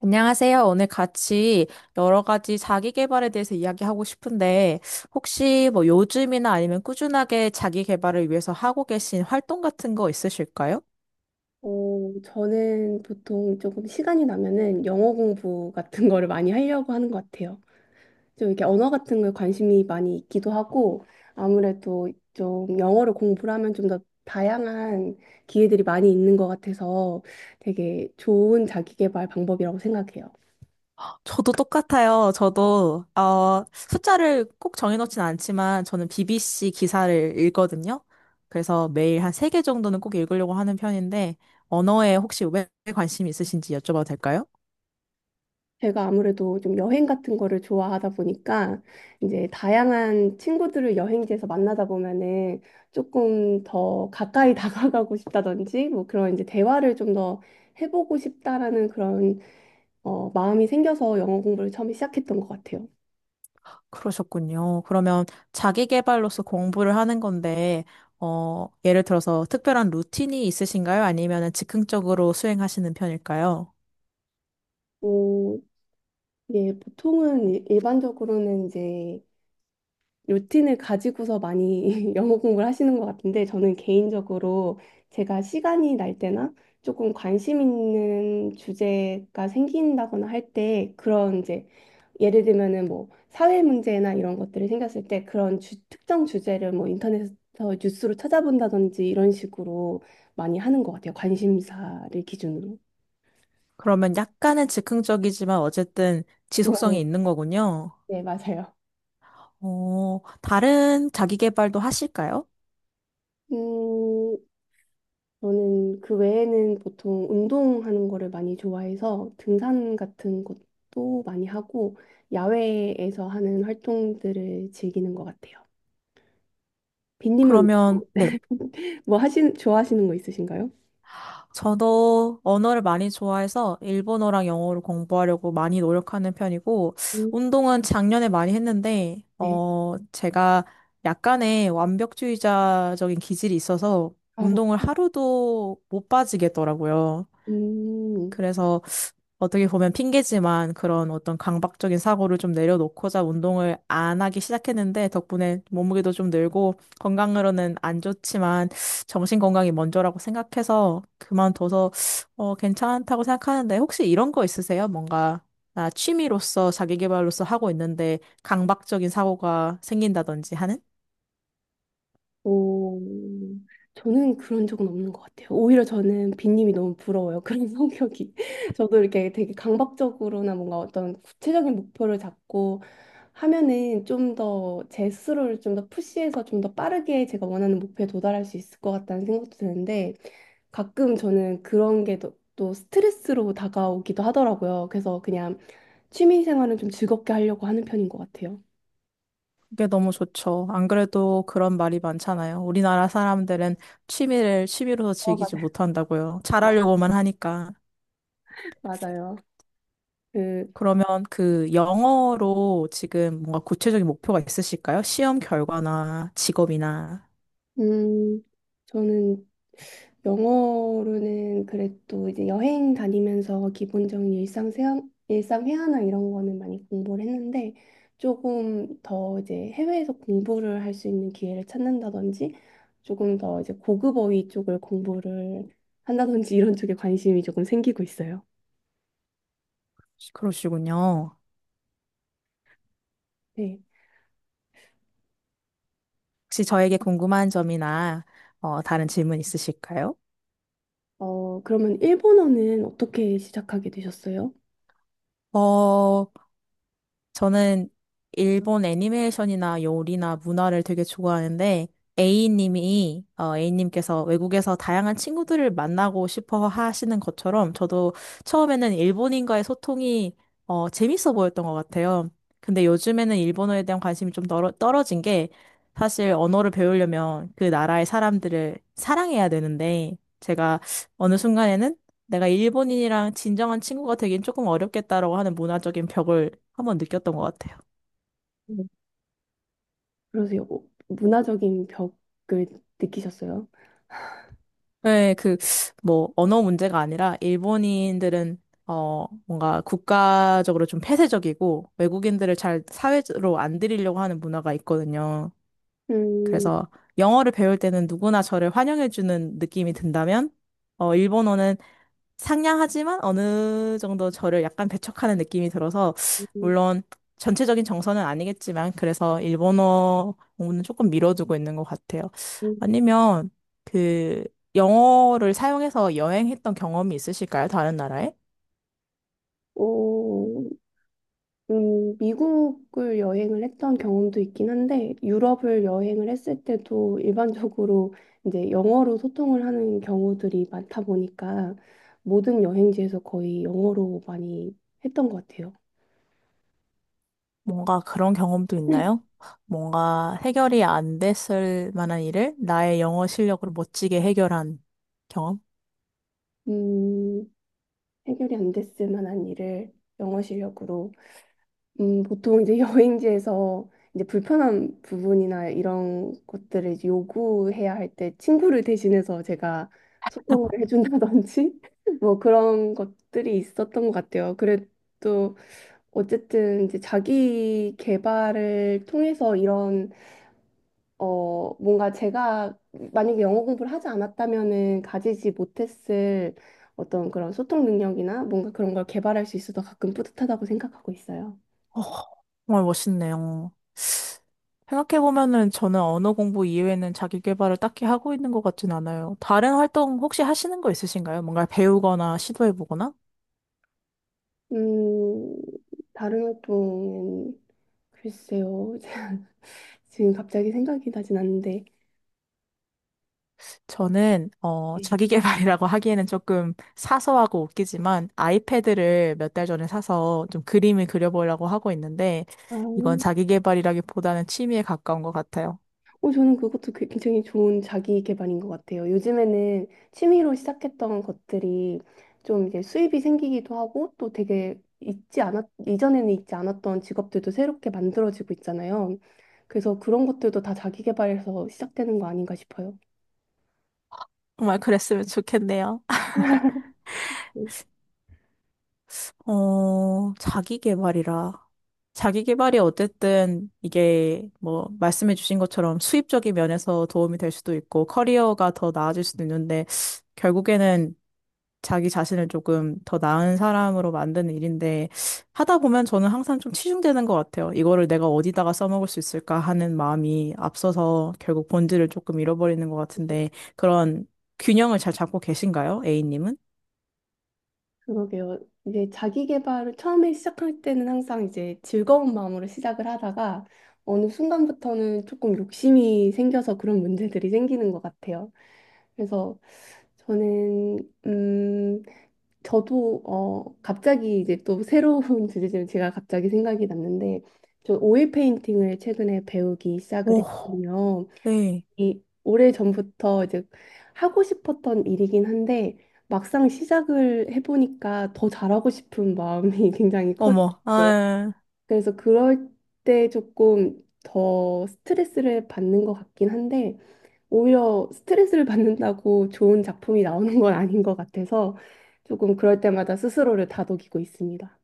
안녕하세요. 오늘 같이 여러 가지 자기 개발에 대해서 이야기하고 싶은데, 혹시 뭐 요즘이나 아니면 꾸준하게 자기 개발을 위해서 하고 계신 활동 같은 거 있으실까요? 어, 저는 보통 조금 시간이 나면은 영어 공부 같은 거를 많이 하려고 하는 것 같아요. 좀 이렇게 언어 같은 거에 관심이 많이 있기도 하고 아무래도 좀 영어를 공부를 하면 좀 더 다양한 기회들이 많이 있는 것 같아서 되게 좋은 자기계발 방법이라고 생각해요. 저도 똑같아요. 저도, 숫자를 꼭 정해놓진 않지만, 저는 BBC 기사를 읽거든요. 그래서 매일 한 세 개 정도는 꼭 읽으려고 하는 편인데, 언어에 혹시 왜 관심 있으신지 여쭤봐도 될까요? 제가 아무래도 좀 여행 같은 거를 좋아하다 보니까 이제 다양한 친구들을 여행지에서 만나다 보면은 조금 더 가까이 다가가고 싶다든지 뭐 그런 이제 대화를 좀 더 해보고 싶다라는 그런 마음이 생겨서 영어 공부를 처음에 시작했던 것 같아요. 그러셨군요. 그러면 자기 개발로서 공부를 하는 건데, 예를 들어서 특별한 루틴이 있으신가요? 아니면 즉흥적으로 수행하시는 편일까요? 어, 예, 보통은 일반적으로는 이제 루틴을 가지고서 많이 영어 공부를 하시는 것 같은데 저는 개인적으로 제가 시간이 날 때나 조금 관심 있는 주제가 생긴다거나 할 때 그런 이제 예를 들면은 뭐 사회 문제나 이런 것들이 생겼을 때 그런 특정 주제를 뭐 인터넷에서 뉴스로 찾아본다든지 이런 식으로 많이 하는 것 같아요. 관심사를 기준으로. 그러면 약간은 즉흥적이지만 어쨌든 네, 지속성이 있는 거군요. 네, 맞아요. 어, 다른 자기 개발도 하실까요? 음, 저는 그 외에는 보통 운동하는 거를 많이 좋아해서 등산 같은 것도 많이 하고 야외에서 하는 활동들을 즐기는 것 같아요. 빈님은 그러면, 네. 뭐 하신 좋아하시는 거 있으신가요? 저도 언어를 많이 좋아해서 일본어랑 영어를 공부하려고 많이 노력하는 편이고, 음. 운동은 작년에 많이 했는데, 네. 제가 약간의 완벽주의자적인 기질이 있어서 아, 저, 운동을 하루도 못 빠지겠더라고요. 음. 그래서 어떻게 보면 핑계지만 그런 어떤 강박적인 사고를 좀 내려놓고자 운동을 안 하기 시작했는데 덕분에 몸무게도 좀 늘고 건강으로는 안 좋지만 정신 건강이 먼저라고 생각해서 그만둬서 괜찮다고 생각하는데 혹시 이런 거 있으세요? 뭔가 나 취미로서 자기 개발로서 하고 있는데 강박적인 사고가 생긴다든지 하는? 오, 저는 그런 적은 없는 것 같아요. 오히려 저는 빈님이 너무 부러워요. 그런 성격이. 저도 이렇게 되게 강박적으로나 뭔가 어떤 구체적인 목표를 잡고 하면은 좀 더 제 스스로를 좀 더 푸시해서 좀 더 빠르게 제가 원하는 목표에 도달할 수 있을 것 같다는 생각도 드는데 가끔 저는 그런 게 또 또 스트레스로 다가오기도 하더라고요. 그래서 그냥 취미 생활은 좀 즐겁게 하려고 하는 편인 것 같아요. 그게 너무 좋죠. 안 그래도 그런 말이 많잖아요. 우리나라 사람들은 취미를 취미로서 어, 즐기지 맞아요. 못한다고요. 잘하려고만 하니까. 맞아요. 그, 그러면 그 영어로 지금 뭔가 구체적인 목표가 있으실까요? 시험 결과나 직업이나. 음, 저는 영어로는 그래도 이제 여행 다니면서 기본적인 일상 회화나 이런 거는 많이 공부를 했는데 조금 더 이제 해외에서 공부를 할 수 있는 기회를 찾는다든지 조금 더 이제 고급 어휘 쪽을 공부를 한다든지 이런 쪽에 관심이 조금 생기고 있어요. 그러시군요. 네. 혹시 저에게 궁금한 점이나 다른 질문 있으실까요? 그러면 일본어는 어떻게 시작하게 되셨어요? 어, 저는 일본 애니메이션이나 요리나 문화를 되게 좋아하는데, A님이, A님께서 외국에서 다양한 친구들을 만나고 싶어 하시는 것처럼, 저도 처음에는 일본인과의 소통이, 재밌어 보였던 것 같아요. 근데 요즘에는 일본어에 대한 관심이 떨어진 게, 사실 언어를 배우려면 그 나라의 사람들을 사랑해야 되는데, 제가 어느 순간에는 내가 일본인이랑 진정한 친구가 되긴 조금 어렵겠다라고 하는 문화적인 벽을 한번 느꼈던 것 같아요. 네. 그러세요. 뭐 문화적인 벽을 느끼셨어요? 네, 그, 뭐, 언어 문제가 아니라, 일본인들은, 뭔가 국가적으로 좀 폐쇄적이고, 외국인들을 잘 사회로 안 들이려고 하는 문화가 있거든요. 음, 그래서, 영어를 배울 때는 누구나 저를 환영해주는 느낌이 든다면, 일본어는 상냥하지만 어느 정도 저를 약간 배척하는 느낌이 들어서, 음, 물론 전체적인 정서는 아니겠지만, 그래서 일본어 공부는 조금 미뤄두고 있는 것 같아요. 아니면, 그, 영어를 사용해서 여행했던 경험이 있으실까요? 다른 나라에? 오, 미국을 여행을 했던 경험도 있긴 한데, 유럽을 여행을 했을 때도 일반적으로 이제 영어로 소통을 하는 경우들이 많다 보니까 모든 여행지에서 거의 영어로 많이 했던 것 같아요. 뭔가 그런 경험도 있나요? 뭔가 해결이 안 됐을 만한 일을 나의 영어 실력으로 멋지게 해결한 경험? 음, 해결이 안 됐을 만한 일을 영어 실력으로 보통 이제 여행지에서 이제 불편한 부분이나 이런 것들을 이제 요구해야 할 때 친구를 대신해서 제가 소통을 해준다든지 뭐 그런 것들이 있었던 것 같아요. 그래도 어쨌든 이제 자기 개발을 통해서 이런 뭔가 제가 만약에 영어 공부를 하지 않았다면은 가지지 못했을 어떤 그런 소통 능력이나 뭔가 그런 걸 개발할 수 있어서 가끔 뿌듯하다고 생각하고 있어요. 어, 정말 멋있네요. 생각해보면은 저는 언어 공부 이외에는 자기 개발을 딱히 하고 있는 것 같진 않아요. 다른 활동 혹시 하시는 거 있으신가요? 뭔가 배우거나 시도해보거나? 음, 다른 활동은 글쎄요. 지금 갑자기 생각이 나진 않는데. 저는, 네. 자기 개발이라고 하기에는 조금 사소하고 웃기지만 아이패드를 몇 달 전에 사서 좀 그림을 그려보려고 하고 있는데 아, 이건 어, 자기 개발이라기보다는 취미에 가까운 것 같아요. 저는 그것도 굉장히 좋은 자기 개발인 것 같아요. 요즘에는 취미로 시작했던 것들이 좀 이제 수입이 생기기도 하고 또 되게 있지 않았, 이전에는 있지 않았던 직업들도 새롭게 만들어지고 있잖아요. 그래서 그런 것들도 다 자기 개발에서 시작되는 거 아닌가 싶어요. 정말 그랬으면 좋겠네요. 어, 자기 개발이라. 자기 개발이 어쨌든 이게 뭐 말씀해 주신 것처럼 수입적인 면에서 도움이 될 수도 있고 커리어가 더 나아질 수도 있는데 결국에는 자기 자신을 조금 더 나은 사람으로 만드는 일인데 하다 보면 저는 항상 좀 치중되는 것 같아요. 이거를 내가 어디다가 써먹을 수 있을까 하는 마음이 앞서서 결국 본질을 조금 잃어버리는 것 같은데 그런 균형을 잘 잡고 계신가요? A님은? 그러게요. 이제 자기 개발을 처음에 시작할 때는 항상 이제 즐거운 마음으로 시작을 하다가 어느 순간부터는 조금 욕심이 생겨서 그런 문제들이 생기는 것 같아요. 그래서 저는 음 저도 갑자기 이제 또 새로운 주제지만 제가 갑자기 생각이 났는데 저 오일 페인팅을 최근에 배우기 시작을 오, 했거든요. 네. 이 오래전부터 이제 하고 싶었던 일이긴 한데 막상 시작을 해보니까 더 잘하고 싶은 마음이 굉장히 어머, 커지고요. 아, 그래서 그럴 때 조금 더 스트레스를 받는 것 같긴 한데 오히려 스트레스를 받는다고 좋은 작품이 나오는 건 아닌 것 같아서 조금 그럴 때마다 스스로를 다독이고 있습니다.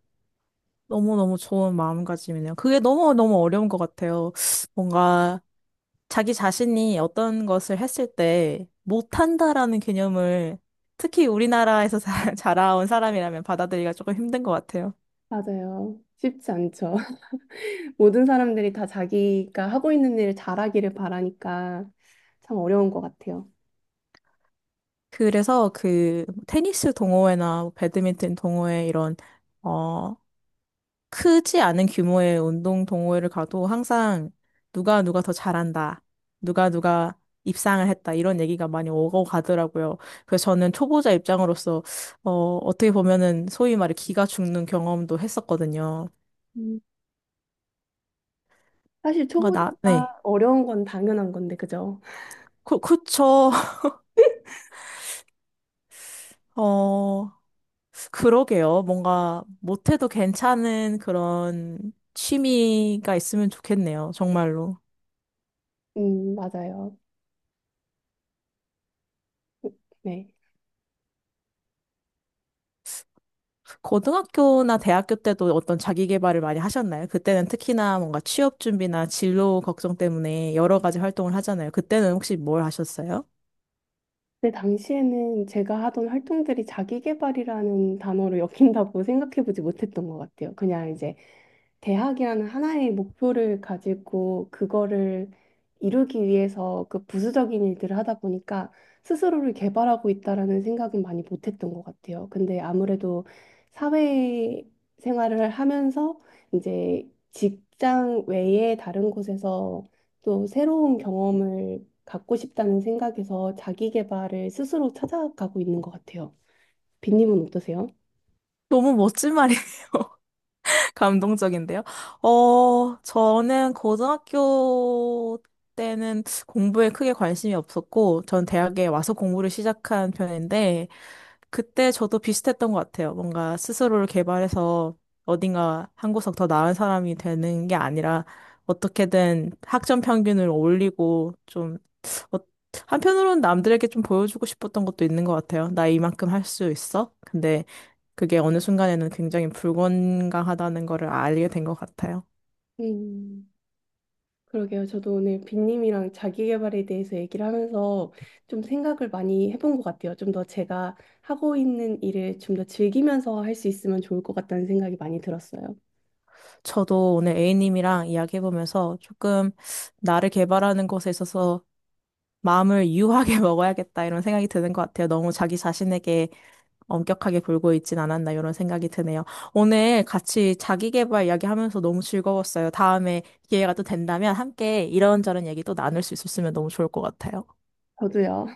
너무너무 좋은 마음가짐이네요. 그게 너무너무 어려운 것 같아요. 뭔가 자기 자신이 어떤 것을 했을 때 못한다라는 개념을 특히 우리나라에서 자라온 사람이라면 받아들이기가 조금 힘든 것 같아요. 맞아요. 쉽지 않죠. 모든 사람들이 다 자기가 하고 있는 일을 잘하기를 바라니까 참 어려운 것 같아요. 그래서 그 테니스 동호회나 배드민턴 동호회 이런 어, 크지 않은 규모의 운동 동호회를 가도 항상 누가 누가 더 잘한다. 누가 누가 입상을 했다. 이런 얘기가 많이 오고 가더라고요. 그래서 저는 초보자 입장으로서, 어, 어떻게 보면은 소위 말해 기가 죽는 경험도 했었거든요. 음, 사실 뭔가 나, 네. 초보자가 어려운 건 당연한 건데, 그죠? 그, 그쵸. 어, 그러게요. 뭔가 못해도 괜찮은 그런 취미가 있으면 좋겠네요. 정말로. 맞아요. 네. 고등학교나 대학교 때도 어떤 자기 개발을 많이 하셨나요? 그때는 특히나 뭔가 취업 준비나 진로 걱정 때문에 여러 가지 활동을 하잖아요. 그때는 혹시 뭘 하셨어요? 근데 당시에는 제가 하던 활동들이 자기계발이라는 단어로 엮인다고 생각해보지 못했던 것 같아요. 그냥 이제 대학이라는 하나의 목표를 가지고 그거를 이루기 위해서 그 부수적인 일들을 하다 보니까 스스로를 개발하고 있다라는 생각은 많이 못했던 것 같아요. 근데 아무래도 사회 생활을 하면서 이제 직장 외에 다른 곳에서 또 새로운 경험을 갖고 싶다는 생각에서 자기 개발을 스스로 찾아가고 있는 것 같아요. 빈님은 어떠세요? 너무 멋진 말이에요. 감동적인데요. 어, 저는 고등학교 때는 공부에 크게 관심이 없었고, 전 대학에 와서 공부를 시작한 편인데, 그때 저도 비슷했던 것 같아요. 뭔가 스스로를 개발해서 어딘가 한 구석 더 나은 사람이 되는 게 아니라 어떻게든 학점 평균을 올리고 좀 어, 한편으로는 남들에게 좀 보여주고 싶었던 것도 있는 것 같아요. 나 이만큼 할 수 있어? 근데 그게 어느 순간에는 굉장히 불건강하다는 거를 알게 된 것 같아요. 음. 그러게요. 저도 오늘 빈님이랑 자기계발에 대해서 얘기를 하면서 좀 생각을 많이 해본 것 같아요. 좀 더 제가 하고 있는 일을 좀 더 즐기면서 할 수 있으면 좋을 것 같다는 생각이 많이 들었어요. 저도 오늘 A님이랑 이야기해보면서 조금 나를 개발하는 것에 있어서 마음을 유하게 먹어야겠다 이런 생각이 드는 것 같아요. 너무 자기 자신에게 엄격하게 굴고 있진 않았나 이런 생각이 드네요. 오늘 같이 자기계발 이야기하면서 너무 즐거웠어요. 다음에 기회가 또 된다면 함께 이런저런 얘기 또 나눌 수 있었으면 너무 좋을 것 같아요. 저도요.